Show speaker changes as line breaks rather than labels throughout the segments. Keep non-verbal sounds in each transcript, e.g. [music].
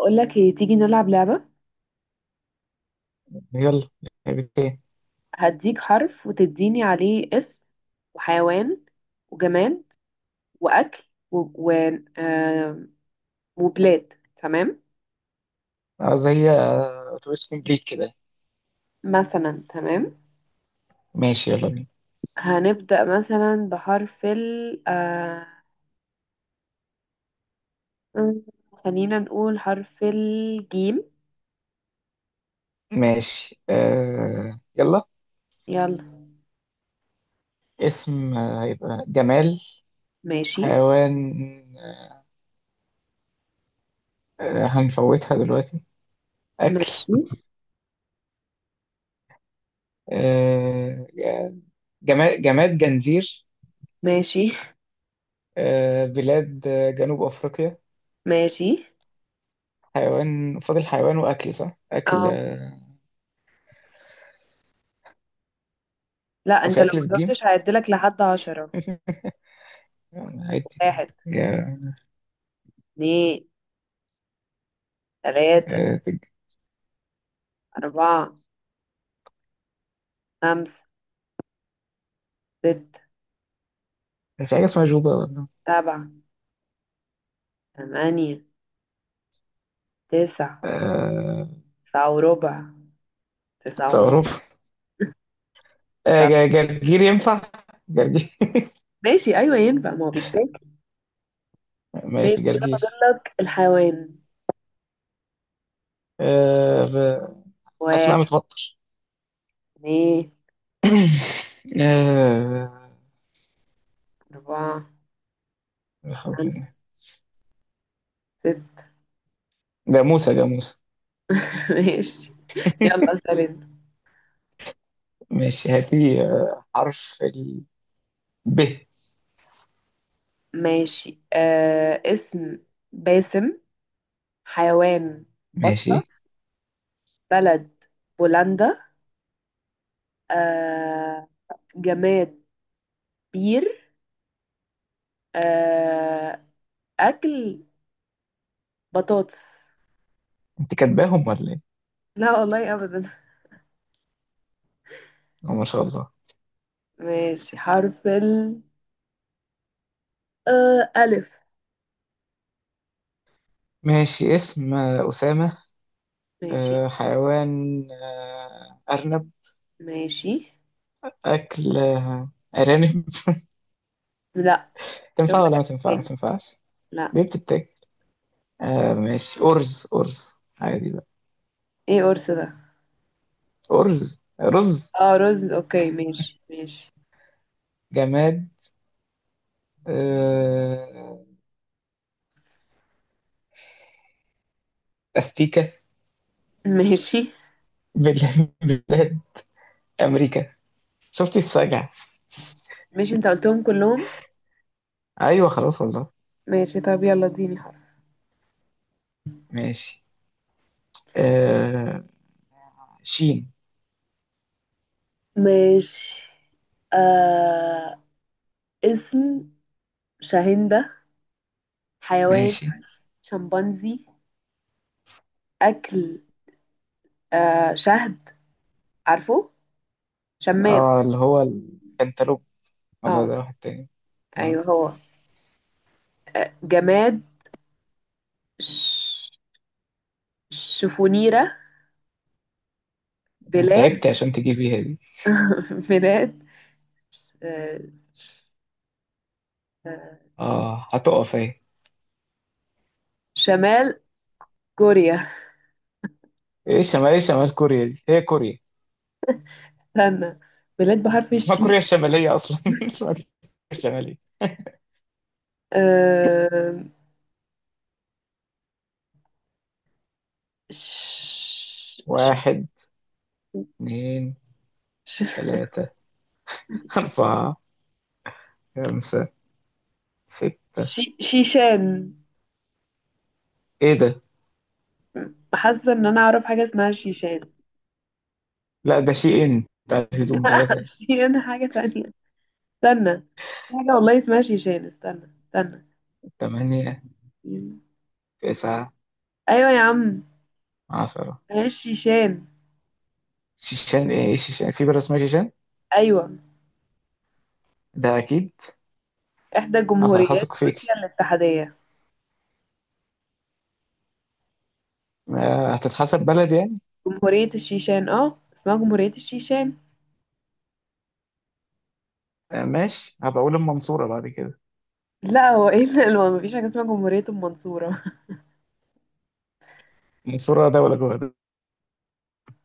اقول لك ايه؟ تيجي نلعب لعبة.
يلا. لعبتين.
هديك حرف وتديني عليه اسم وحيوان وجماد واكل و... و... آه... وبلاد. تمام.
اه، زي اتوبيس كومبليت كده.
مثلا، تمام.
ماشي، يلا بينا.
هنبدأ مثلا بحرف ال، م- خلينا نقول حرف الجيم.
ماشي يلا.
يلا.
اسم هيبقى جمال.
ماشي.
حيوان آه هنفوتها دلوقتي. أكل
ماشي.
آه جماد جنزير.
ماشي.
بلاد جنوب أفريقيا.
ماشي.
حيوان فاضل، حيوان وأكل، صح؟ أكل
اه، لا،
أو
انت
في
لو
أكل
ما
بالجيم؟
جاوبتش هعدلك لحد 10.
[laughs] عادي.
واحد.
جا-
اتنين. تلاتة.
آه،
أربعة. خمسة. ستة.
في حاجة اسمها جوبا ولا
سبعة. تمانية. تسعة. تسعة وربع. تسعة ونص.
آه،
تسعة.
جرجير ينفع؟ جرجير.
ماشي، أيوة ينفع، ما هو بيتاكل.
[laughs] ماشي،
ماشي، كده فاضل
جرجير.
لك الحيوان.
آه، ب- حاسس، لا،
واحد.
متوتر.
اتنين.
[coughs] آه،
أربعة.
لا حول ولا
خمسة.
قوة.
ستة.
جاموسة جاموسة.
[laughs] ماشي. يلا
[laughs]
سلام.
ماشي، هاتي حرف ال ب.
ماشي، اسم، باسم. حيوان،
ماشي،
بطة. بلد، بولندا. آه جماد، بير. آه أكل، بطاطس.
انت كاتباهم ولا ايه؟
لا والله أبدا.
ما شاء الله.
ماشي، حرف ال ألف.
ماشي، اسم أسامة.
ماشي.
حيوان أرنب.
ماشي.
أكل أرانب.
لا،
[laughs]
شوف
تنفع
لك
ولا ما
ألف
تنفع؟ ما
تاني.
تنفعش.
لا.
ليه بتتاكل؟ آه، ماشي، أرز أرز. عادي بقى.
ايه قرص ده؟
أرز، رز.
اه، رز، اوكي. ماشي. ماشي.
جماد آه، أستيكة.
[laughs] ماشي.
بلاد [laughs] بلاد أمريكا. شفتي السجع.
ماشي، انت قلتهم كلهم.
أيوة، خلاص والله.
ماشي، طب يلا اديني حرف.
ماشي آه، شين.
ماشي، آه اسم، شاهندة. حيوان،
ماشي.
شمبانزي. أكل، شهد. عارفه، شمام.
اه، اللي هو الكنتالوب، ولا
اه.
ده واحد تاني؟ اه.
ايوه هو. جماد، ش... شفونيرة. بلاد.
تعبت عشان تجيبيها دي.
[laughs] بلاد، آه، آه،
اه، هتقف اهي.
شمال كوريا.
ايه شمال، ايه شمال كوريا؟ دي هي كوريا،
استنى، بلاد بحرف
اسمها
الشين.
كوريا الشمالية أصلا. [laughs] اسمها كوريا الشمالية.
آه، ش- ش-
واحد، اتنين،
ش-
تلاتة، أربعة، خمسة، ستة.
شيشان.
ايه ده؟
حاسة ان انا اعرف حاجة اسمها شيشان.
لا، ده شيء بتاع الهدوم، ده
[laughs]
حاجة.
شيشان حاجة تانية. استنى، في حاجة والله اسمها شيشان. استنى. استنى.
تمانية، تسعة،
ايوه يا عم،
عشرة.
هي الشيشان.
شيشان؟ ايه؟ شيشان؟ في بلد اسمها شيشان،
ايوه،
ده اكيد.
احدى
أصل
جمهوريات
هثق
روسيا
فيكي.
الاتحادية.
ما هتتحسب بلد يعني.
جمهورية الشيشان، اه اسمها جمهورية الشيشان.
ماشي، هبقى اقول المنصورة بعد كده.
لا، هو ايه اللي؟ ما مفيش حاجة اسمها جمهورية المنصورة. [laughs]
المنصورة دولة جوه ده.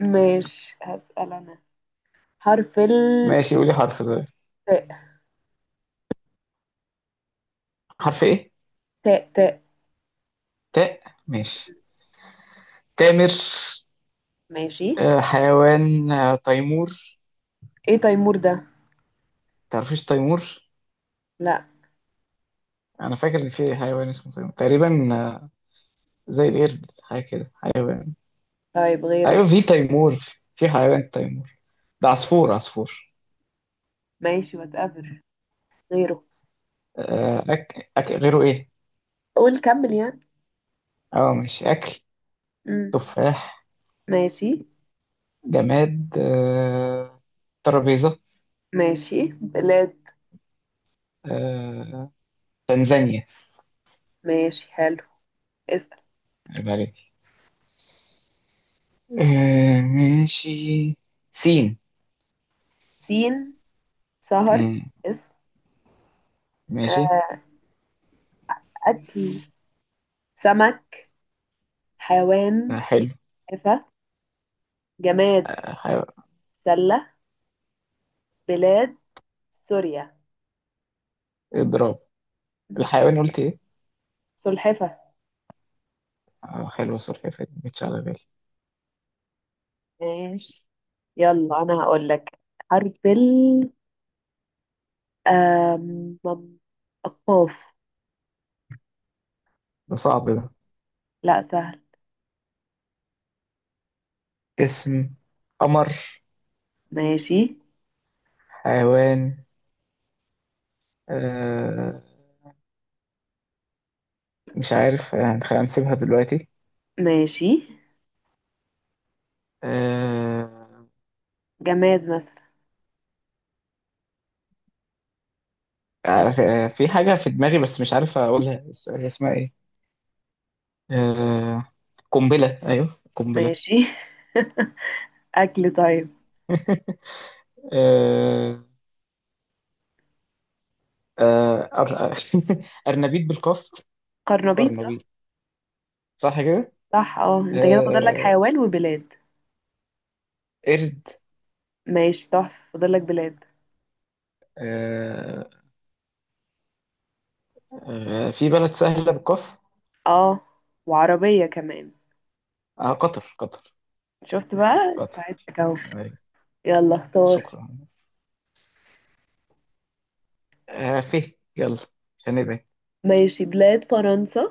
ماشي، هسأل انا. حرف ال
ماشي، قولي حرف ده.
تاء.
حرف ايه؟
تاء. تاء.
تاء. ماشي، تامر.
ماشي.
حيوان تيمور.
ايه تيمور ده؟
تعرفيش تيمور؟
لا.
انا فاكر ان في حيوان اسمه تيمور تقريبا. آه، زي القرد، حاجة كده، حيوان.
طيب، غيره.
ايوه، في تيمور. في حيوان تيمور. ده عصفور، عصفور.
ماشي، واتقبل. غيره،
غيره إيه؟
قول كمل يعني.
أه، مش أكل.
مم.
تفاح.
ماشي.
جماد ترابيزة.
ماشي، بلاد.
آه، تنزانيا.
ماشي، حلو. اسأل.
عيب عليك. ماشي. سين.
سين، سهر،
مم،
اسم.
ماشي.
آه، أكل، سمك.
ده
حيوان،
حلو.
حفا. جماد،
آه، حيو...
سلة. بلاد، سوريا.
إضراب. الحيوان قلت إيه؟
سلحفة.
حلوة، سلحفاة دي مش على بالي.
ماشي. يلا انا هقول لك. حرف ال آم، مم- قاف.
ده صعب ده.
لا، سهل.
اسم، قمر.
ماشي.
حيوان آه، مش عارف، هنسيبها دلوقتي.
ماشي،
آه،
جماد مثلا. طب
في حاجة في دماغي، بس مش عارف أقولها، بس هي اسمها إيه؟ آه... قنبلة، أيوه قنبلة.
ماشي. [laughs] اكل، طيب
[laughs] آه... آه... أر... [laughs] أرنبيط بالقاف.
قرنبيط. صح.
أرنبيط، صح كده؟
صح، اه انت كده فاضل لك
آه...
حيوان وبلاد.
قرد.
ماشي، تحفة. فاضل لك بلاد.
آه... في بلد سهلة بالقاف.
اه، وعربية كمان.
آه، قطر، قطر.
شفت بقى؟
قطر.
ساعدتك اهو.
أيوة.
يلا، اختار.
شكرا. فيه، يلا، عشان نبعد.
ماشي، بلاد، فرنسا.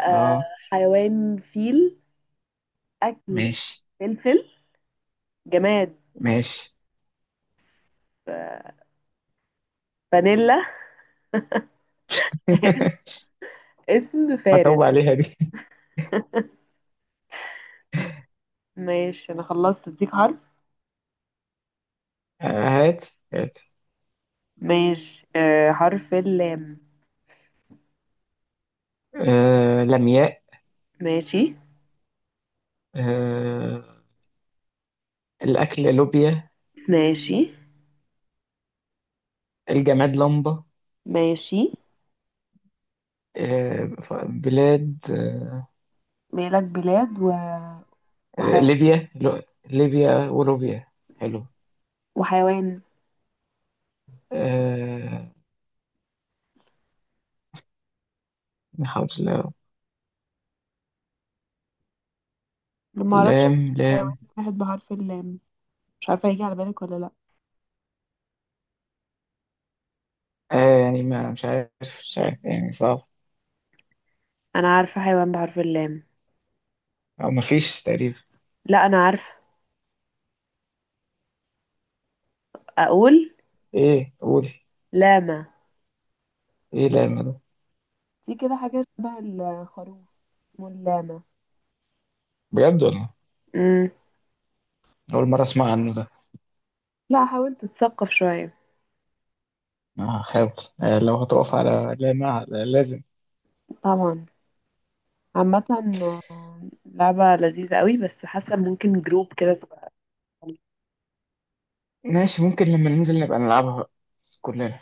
آه
اه،
حيوان، فيل. اكل،
ماشي
فلفل. جماد،
ماشي.
آه، فانيلا. [laughs]
[laughs]
اسم، فارس.
متعوب عليها دي.
ماشي، انا خلصت، اديك حرف.
[laughs] هات هات.
ماشي، حرف اللام.
لمياء.
ماشي.
آه، الأكل لوبيا.
ماشي.
الجماد لمبة.
ماشي،
بلاد
مالك بلاد وحي...
ليبيا، ليبيا ولوبيا. حلو.
وحيوان.
آه، نحاول
ما اعرفش أكتب
لام
حيوان
لام.
واحد بحرف اللام. مش عارفه هيجي على بالك ولا لا.
يعني ما مش عارف. مش عارف، يعني صعب.
انا عارفه حيوان بحرف اللام.
أو ما فيش تقريبا.
لا، انا عارفه. اقول،
إيه؟ قولي.
لاما.
إيه لام ده؟
دي كده حاجه شبه الخروف واللاما.
بجد ولا؟
امم
أول مرة أسمع عنه ده.
لا، حاولت اتثقف شويه.
هحاول. آه، لو هتقف على لام لازم.
طبعا. عامه، لعبة لذيذة قوي، بس حاسة ممكن جروب كده تبقى
ماشي، ممكن لما ننزل نبقى نلعبها بقى كلنا.